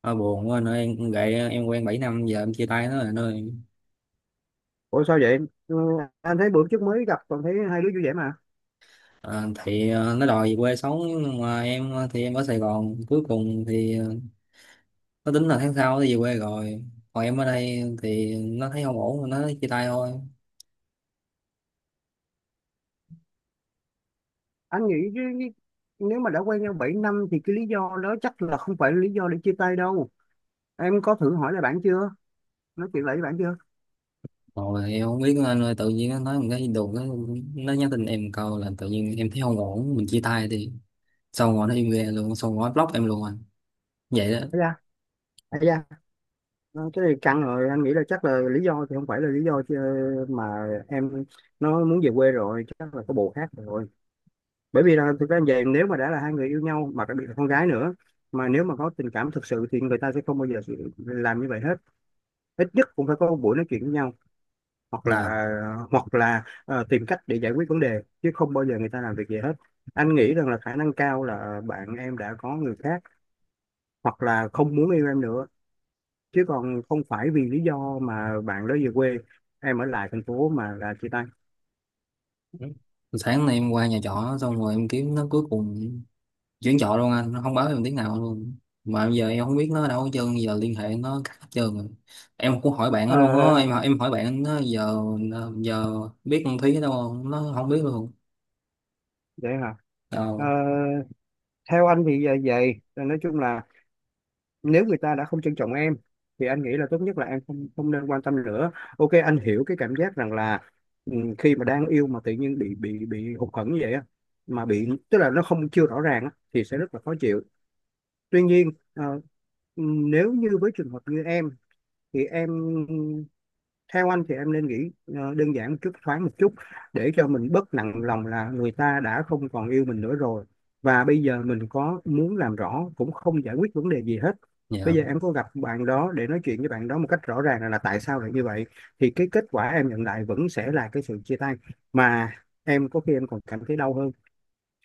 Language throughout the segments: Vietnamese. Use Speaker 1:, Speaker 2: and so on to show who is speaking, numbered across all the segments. Speaker 1: Ờ, Buồn quá anh ơi, em gậy em quen 7 năm giờ em chia tay nó rồi anh ơi.
Speaker 2: Ủa sao vậy? Ừ, anh thấy bữa trước mới gặp còn thấy hai đứa vui vẻ mà.
Speaker 1: Ờ, thì nó đòi về quê sống, nhưng mà em thì em ở Sài Gòn. Cuối cùng thì nó tính là tháng sau nó về quê rồi, còn em ở đây thì nó thấy không ổn, nó chia tay thôi.
Speaker 2: Anh nghĩ chứ nếu mà đã quen nhau 7 năm thì cái lý do đó chắc là không phải là lý do để chia tay đâu. Em có thử hỏi lại bạn chưa? Nói chuyện lại với bạn chưa?
Speaker 1: Rồi em không biết nữa anh ơi, tự nhiên nó nói một cái đùng, nó nhắn tin em câu là tự nhiên em thấy không ổn, mình chia tay. Thì xong rồi nó im re luôn, xong rồi nó block em luôn anh, vậy đó.
Speaker 2: Thấy ra, thấy ra. Ờ, cái này căng rồi, anh nghĩ là chắc là lý do thì không phải là lý do chứ, mà em nó muốn về quê rồi, chắc là có bồ khác rồi. Bởi vì là thực ra nếu mà đã là hai người yêu nhau mà đặc biệt là con gái nữa mà nếu mà có tình cảm thực sự thì người ta sẽ không bao giờ làm như vậy hết. Ít nhất cũng phải có một buổi nói chuyện với nhau hoặc là
Speaker 1: Dạ.
Speaker 2: hoặc là tìm cách để giải quyết vấn đề chứ không bao giờ người ta làm việc gì hết. Anh nghĩ rằng là khả năng cao là bạn em đã có người khác hoặc là không muốn yêu em nữa, chứ còn không phải vì lý do mà bạn đó về quê, em ở lại thành phố mà là chia tay.
Speaker 1: Sáng nay em qua nhà trọ xong rồi em kiếm nó, cuối cùng chuyển chợ luôn anh, nó không báo em tiếng nào luôn. Mà giờ em không biết nó ở đâu hết trơn, giờ liên hệ nó cắt hết trơn rồi. Em cũng hỏi bạn nó
Speaker 2: Ờ,
Speaker 1: luôn á, em hỏi bạn nó giờ, giờ biết con Thúy ở đâu không, nó không biết luôn
Speaker 2: vậy hả? Ờ,
Speaker 1: đâu.
Speaker 2: theo anh thì vậy vậy nói chung là nếu người ta đã không trân trọng em thì anh nghĩ là tốt nhất là em không không nên quan tâm nữa. Ok, anh hiểu cái cảm giác rằng là ừ, khi mà đang yêu mà tự nhiên bị hụt hẫng như vậy á, mà bị tức là nó không chưa rõ ràng á, thì sẽ rất là khó chịu. Tuy nhiên nếu như với trường hợp như em thì em, theo anh thì em nên nghĩ đơn giản một chút, thoáng một chút, để cho mình bớt nặng lòng là người ta đã không còn yêu mình nữa rồi, và bây giờ mình có muốn làm rõ cũng không giải quyết vấn đề gì hết. Bây
Speaker 1: Dạ.
Speaker 2: giờ em có gặp bạn đó để nói chuyện với bạn đó một cách rõ ràng là tại sao lại như vậy, thì cái kết quả em nhận lại vẫn sẽ là cái sự chia tay, mà em có khi em còn cảm thấy đau hơn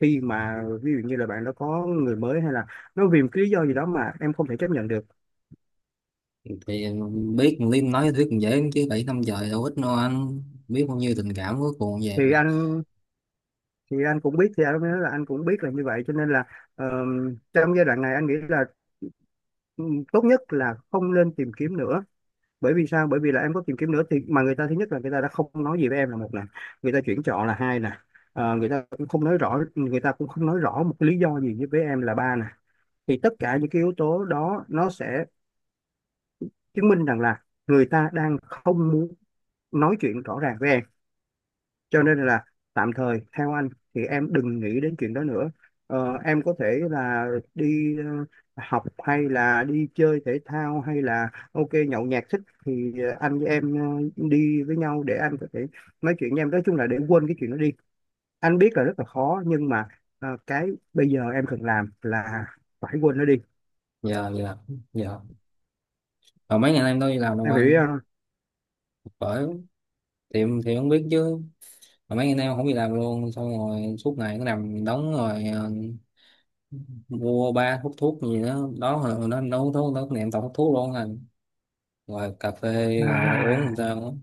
Speaker 2: khi mà ví dụ như là bạn đó có người mới, hay là nó vì một cái lý do gì đó mà em không thể chấp nhận được.
Speaker 1: Thì biết con Liên nói với Thúy cũng dễ chứ, 7 năm trời đâu ít đâu anh, biết bao nhiêu tình cảm cuối cùng
Speaker 2: thì
Speaker 1: về.
Speaker 2: anh thì anh cũng biết, thì anh mới nói là anh cũng biết là như vậy, cho nên là ờ, trong giai đoạn này anh nghĩ là ừ, tốt nhất là không nên tìm kiếm nữa. Bởi vì sao? Bởi vì là em có tìm kiếm nữa thì mà người ta, thứ nhất là người ta đã không nói gì với em là một nè, người ta chuyển chọn là hai nè, người ta cũng không nói rõ, người ta cũng không nói rõ một cái lý do gì với em là ba nè, thì tất cả những cái yếu tố đó nó sẽ chứng minh rằng là người ta đang không muốn nói chuyện rõ ràng với em. Cho nên là tạm thời theo anh thì em đừng nghĩ đến chuyện đó nữa. Em có thể là đi học, hay là đi chơi thể thao, hay là ok nhậu nhẹt thích thì anh với em đi với nhau để anh có thể nói chuyện với em, nói chung là để quên cái chuyện đó đi. Anh biết là rất là khó nhưng mà cái bây giờ em cần làm là phải quên nó đi.
Speaker 1: Dạ, dạ, dạ. Mà mấy ngày nay em đâu đi làm đâu
Speaker 2: Em hiểu ý
Speaker 1: anh.
Speaker 2: không?
Speaker 1: Bởi, thì em thì không biết chứ, mà mấy ngày nay em không đi làm luôn, xong rồi suốt ngày cứ nằm đóng rồi mua ba hút thuốc gì đó đó, hồi nó hút thuốc đó, niệm tao hút thuốc luôn rồi, rồi cà phê rồi uống làm
Speaker 2: À,
Speaker 1: sao đó.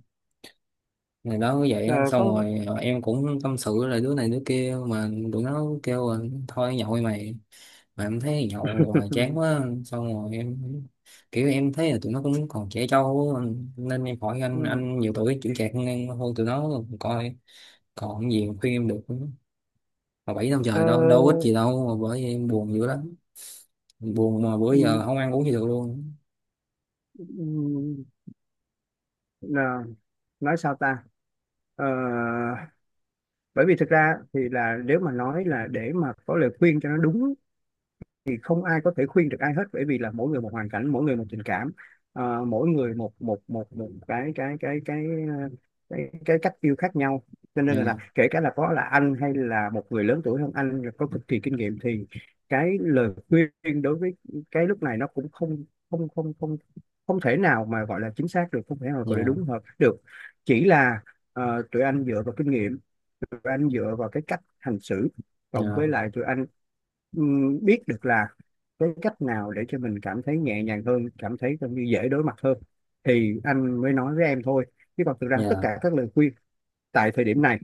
Speaker 1: Ngày đó cũng vậy
Speaker 2: ờ,
Speaker 1: đó. Xong
Speaker 2: có.
Speaker 1: rồi em cũng tâm sự là đứa này đứa kia, mà tụi nó kêu là thôi nhậu đi mày. Mà em thấy nhậu hoài chán quá, xong rồi em kiểu em thấy là tụi nó cũng còn trẻ trâu á. Nên em hỏi anh
Speaker 2: Ừ.
Speaker 1: anh nhiều tuổi chững chạc hơn em, thôi tụi nó coi còn gì mà khuyên em được nữa. Mà 7 năm
Speaker 2: Ờ,
Speaker 1: trời đâu đâu ít gì đâu, mà bởi vậy em buồn dữ lắm, buồn mà bữa
Speaker 2: ừ,
Speaker 1: giờ không ăn uống gì được luôn.
Speaker 2: ừ, là nói sao ta. Ờ, Bởi vì thực ra thì là nếu mà nói là để mà có lời khuyên cho nó đúng thì không ai có thể khuyên được ai hết, bởi vì là mỗi người một hoàn cảnh, mỗi người một tình cảm, mỗi người một một một một cái cái cách yêu khác nhau, cho nên là
Speaker 1: Nhờ,
Speaker 2: kể cả là có là anh hay là một người lớn tuổi hơn anh rồi có cực kỳ kinh nghiệm, thì cái lời khuyên đối với cái lúc này nó cũng không không không không không thể nào mà gọi là chính xác được, không thể nào gọi là
Speaker 1: nhờ,
Speaker 2: đúng hợp được. Chỉ là tụi anh dựa vào kinh nghiệm, tụi anh dựa vào cái cách hành xử, cộng với
Speaker 1: nhờ,
Speaker 2: lại tụi anh biết được là cái cách nào để cho mình cảm thấy nhẹ nhàng hơn, cảm thấy coi như dễ đối mặt hơn, thì anh mới nói với em thôi. Chứ còn thực ra tất
Speaker 1: nhờ,
Speaker 2: cả các lời khuyên tại thời điểm này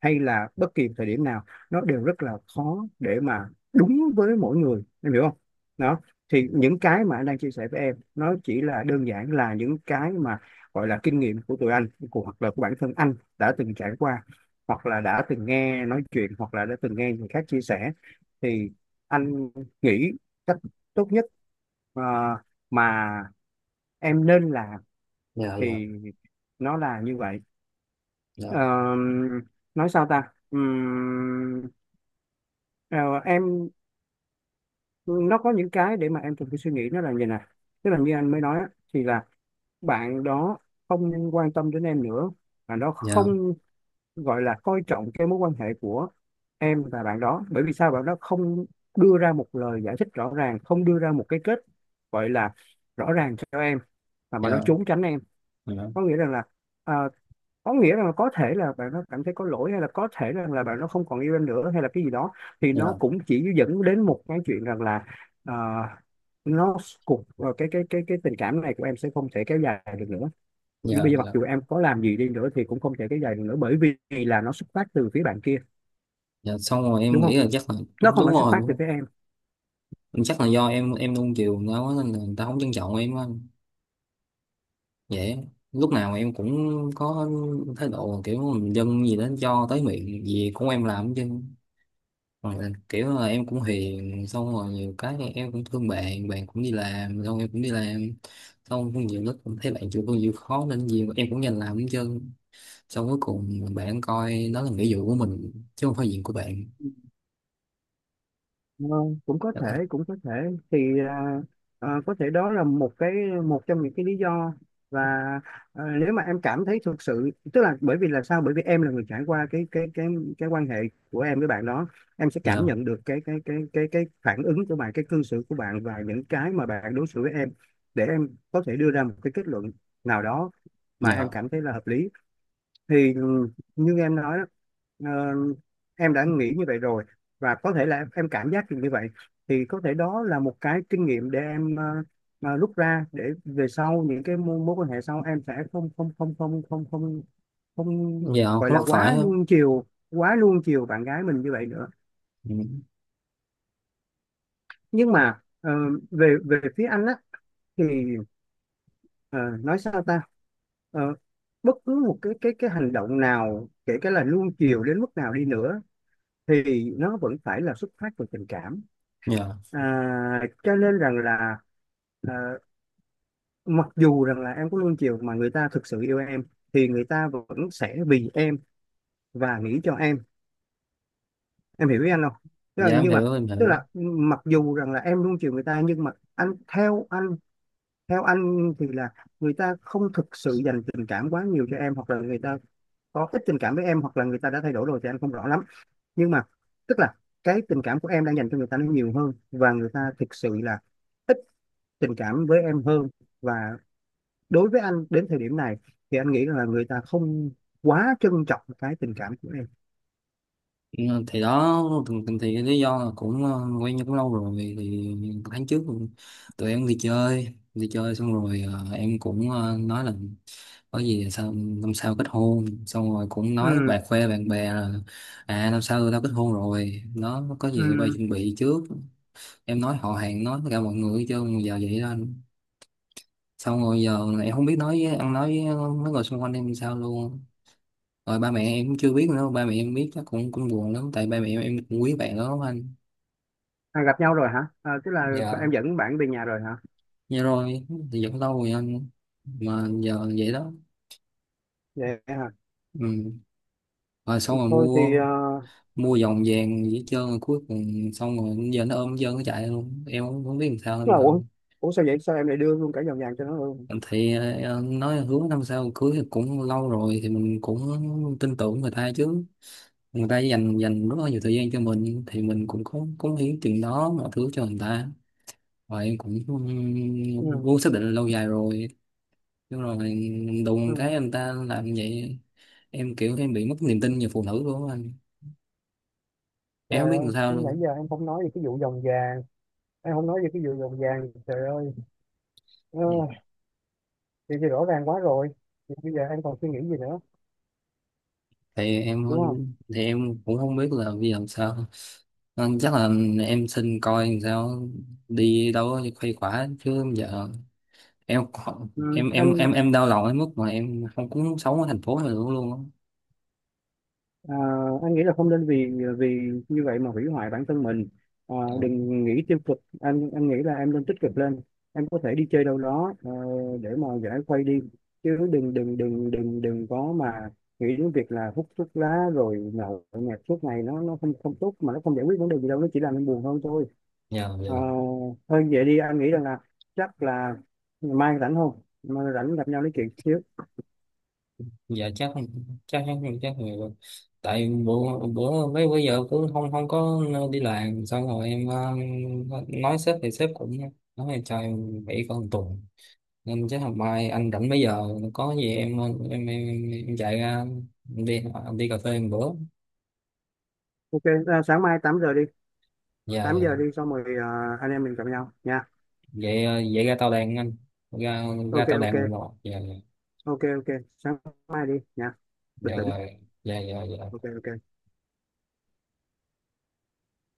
Speaker 2: hay là bất kỳ thời điểm nào, nó đều rất là khó để mà đúng với mỗi người. Em hiểu không? Đó, thì những cái mà anh đang chia sẻ với em, nó chỉ là đơn giản là những cái mà gọi là kinh nghiệm của tụi anh, của hoặc là của bản thân anh đã từng trải qua, hoặc là đã từng nghe nói chuyện, hoặc là đã từng nghe người khác chia sẻ. Thì anh nghĩ cách tốt nhất ờ, mà em nên làm
Speaker 1: nhờ, nhờ,
Speaker 2: thì nó là như vậy.
Speaker 1: nhờ,
Speaker 2: Ờ, nói sao ta. Ờ, em, nó có những cái để mà em cần phải suy nghĩ, nó là như này: tức là như anh mới nói á, thì là bạn đó không quan tâm đến em nữa, bạn đó
Speaker 1: nhờ,
Speaker 2: không gọi là coi trọng cái mối quan hệ của em và bạn đó. Bởi vì sao? Bạn đó không đưa ra một lời giải thích rõ ràng, không đưa ra một cái kết gọi là rõ ràng cho em, mà bạn nó
Speaker 1: nhờ,
Speaker 2: trốn tránh em,
Speaker 1: nhờ,
Speaker 2: có nghĩa rằng là ờ, có nghĩa rằng là có thể là bạn nó cảm thấy có lỗi, hay là có thể rằng là bạn nó không còn yêu em nữa, hay là cái gì đó, thì nó
Speaker 1: nhờ,
Speaker 2: cũng chỉ dẫn đến một cái chuyện rằng là ờ, nó cái tình cảm này của em sẽ không thể kéo dài được nữa. Vì
Speaker 1: nhờ,
Speaker 2: bây giờ mặc
Speaker 1: nhờ,
Speaker 2: dù em có làm gì đi nữa thì cũng không thể kéo dài được nữa, bởi vì là nó xuất phát từ phía bạn kia,
Speaker 1: nhờ. Xong rồi em
Speaker 2: đúng
Speaker 1: nghĩ
Speaker 2: không?
Speaker 1: là chắc là
Speaker 2: Nó không
Speaker 1: đúng
Speaker 2: phải xuất
Speaker 1: rồi,
Speaker 2: phát
Speaker 1: đúng
Speaker 2: từ
Speaker 1: không?
Speaker 2: phía em.
Speaker 1: Chắc là do em nuông chiều người ta quá, nên là người ta không trân trọng em á. Vậy lúc nào em cũng có thái độ kiểu mình dân gì đó cho tới miệng gì cũng em làm chứ. Hoặc là kiểu là em cũng hiền, xong rồi nhiều cái thì em cũng thương bạn, bạn cũng đi làm, xong em cũng đi làm, xong cũng nhiều lúc cũng thấy bạn chịu công việc khó nên nhiều em cũng nhanh làm hết trơn, xong cuối cùng bạn coi đó là nghĩa vụ của mình chứ không phải việc của bạn.
Speaker 2: Ờ, Cũng có
Speaker 1: Dạ.
Speaker 2: thể, cũng có thể thì có thể đó là một cái, một trong những cái lý do. Và nếu mà em cảm thấy thực sự, tức là bởi vì là sao, bởi vì em là người trải qua cái quan hệ của em với bạn đó, em sẽ
Speaker 1: Nhờ,
Speaker 2: cảm nhận được cái phản ứng của bạn, cái cư xử của bạn, và những cái mà bạn đối xử với em, để em có thể đưa ra một cái kết luận nào đó mà em
Speaker 1: nhờ,
Speaker 2: cảm thấy là hợp lý. Thì như em nói đó, ờ, em đã nghĩ như vậy rồi, và có thể là em cảm giác được như vậy, thì có thể đó là một cái kinh nghiệm để em rút ra, để về sau những cái mối quan hệ sau em sẽ không không không không không không không
Speaker 1: nhờ,
Speaker 2: gọi
Speaker 1: không
Speaker 2: là
Speaker 1: mắc phải
Speaker 2: quá
Speaker 1: không.
Speaker 2: nuông chiều, quá nuông chiều bạn gái mình như vậy nữa.
Speaker 1: Ừ.
Speaker 2: Nhưng mà về về phía anh á, thì ờ, nói sao ta. Ờ, Bất cứ một cái hành động nào, kể cả là nuông chiều đến mức nào đi nữa, thì nó vẫn phải là xuất phát từ tình cảm.
Speaker 1: Nhờ.
Speaker 2: Cho nên rằng là à, mặc dù rằng là em có luôn chiều, mà người ta thực sự yêu em thì người ta vẫn sẽ vì em và nghĩ cho em. Em hiểu ý anh không? Tức là,
Speaker 1: Dạ em
Speaker 2: nhưng mà
Speaker 1: hiểu, em
Speaker 2: tức
Speaker 1: hiểu.
Speaker 2: là, mặc dù rằng là em luôn chiều người ta, nhưng mà anh, theo anh, theo anh thì là người ta không thực sự dành tình cảm quá nhiều cho em, hoặc là người ta có ít tình cảm với em, hoặc là người ta đã thay đổi rồi thì anh không rõ lắm. Nhưng mà tức là cái tình cảm của em đang dành cho người ta nó nhiều hơn, và người ta thực sự là ít tình cảm với em hơn. Và đối với anh, đến thời điểm này, thì anh nghĩ là người ta không quá trân trọng cái tình cảm của em.
Speaker 1: Ừ, thì đó, thì, thì, cái lý do là cũng quen nhau cũng lâu rồi thì tháng trước tụi em đi chơi, đi chơi xong rồi em cũng nói là có gì sao năm sau kết hôn, xong rồi cũng nói
Speaker 2: Ừ.
Speaker 1: bà, khoe bạn bè là à, năm sau tao kết hôn rồi, nó có gì tụi bay
Speaker 2: Ừ.
Speaker 1: chuẩn bị trước. Em nói họ hàng, nói tất cả mọi người, chứ giờ vậy đó. Xong rồi giờ em không biết nói với ăn, nói với mấy người xung quanh em sao luôn. Rồi ba mẹ em cũng chưa biết nữa, ba mẹ em biết chắc cũng cũng buồn lắm, tại ba mẹ em cũng quý bạn đó lắm anh.
Speaker 2: Gặp nhau rồi hả? Tức là
Speaker 1: Giờ
Speaker 2: em dẫn bạn về nhà rồi hả?
Speaker 1: như rồi, thì vẫn lâu rồi anh, mà giờ vậy đó.
Speaker 2: Vậy hả?
Speaker 1: Ừ. Rồi xong rồi
Speaker 2: Thôi thì
Speaker 1: mua mua vòng vàng với trơn rồi, cuối cùng xong rồi giờ nó ôm hết trơn nó chạy luôn, em cũng không biết làm sao
Speaker 2: tức
Speaker 1: anh
Speaker 2: là
Speaker 1: rồi.
Speaker 2: ủa, ủa sao vậy? Sao em lại đưa luôn cả vòng vàng cho nó luôn?
Speaker 1: Thì nói hứa năm sau cưới thì cũng lâu rồi, thì mình cũng tin tưởng người ta chứ. Người ta dành dành rất là nhiều thời gian cho mình, thì mình cũng có cống hiến chừng đó mọi thứ cho người ta, và em cũng
Speaker 2: Ừ.
Speaker 1: muốn xác định là lâu dài rồi. Nhưng rồi đùng
Speaker 2: Ừ.
Speaker 1: cái anh ta làm như vậy, em kiểu em bị mất niềm tin về phụ nữ luôn á anh, em không
Speaker 2: Trời
Speaker 1: biết
Speaker 2: ơi,
Speaker 1: làm sao
Speaker 2: nãy
Speaker 1: luôn.
Speaker 2: giờ em không nói về cái vụ vòng vàng, em không nói về cái vụ vòng vàng, trời ơi. Ờ,
Speaker 1: Thì em,
Speaker 2: Thì, rõ ràng quá rồi, thì bây giờ anh còn suy nghĩ gì nữa, đúng không?
Speaker 1: thì em cũng không biết là bây giờ làm sao. Nên chắc là em xin coi làm sao đi đâu đó khuây khỏa chứ giờ em,
Speaker 2: Ừ,
Speaker 1: em em
Speaker 2: anh,
Speaker 1: em em đau lòng đến mức mà em không, cũng muốn sống ở thành phố này nữa luôn á.
Speaker 2: à, anh nghĩ là không nên, vì vì như vậy mà hủy hoại bản thân mình. Đừng nghĩ tiêu cực, anh nghĩ là em nên tích cực lên. Em có thể đi chơi đâu đó để mà giải khuây đi, chứ đừng đừng đừng đừng đừng có mà nghĩ đến việc là hút thuốc lá rồi nhậu nhẹt suốt ngày, nó không không tốt, mà nó không giải quyết vấn đề gì đâu, nó chỉ làm em buồn hơn thôi.
Speaker 1: Dạ, dạ,
Speaker 2: Ờ, Thôi vậy đi, anh nghĩ rằng là chắc là mai rảnh không, mai rảnh gặp nhau nói chuyện chứ.
Speaker 1: dạ. Chắc, chắc, chắc nhiều rồi. Tại bữa bữa mấy bữa giờ cứ không không có đi làm, xong rồi em nói sếp, thì sếp cũng nói là cho em nghỉ có 1 tuần, nên chắc hôm mai anh rảnh mấy giờ có gì em, em, em, chạy ra, em đi, em đi cà phê một bữa.
Speaker 2: Ok, sáng mai 8 giờ đi,
Speaker 1: Dạ,
Speaker 2: 8
Speaker 1: dạ.
Speaker 2: giờ đi, xong rồi anh em mình gặp nhau nha.
Speaker 1: Vậy vậy ra tao đàn anh, ra ra
Speaker 2: Ok
Speaker 1: tao đàn,
Speaker 2: ok,
Speaker 1: một một, dạ, dạ,
Speaker 2: ok ok, sáng mai đi nha.
Speaker 1: dạ
Speaker 2: Bình tĩnh.
Speaker 1: rồi, dạ, dạ,
Speaker 2: Ok
Speaker 1: dạ.
Speaker 2: ok.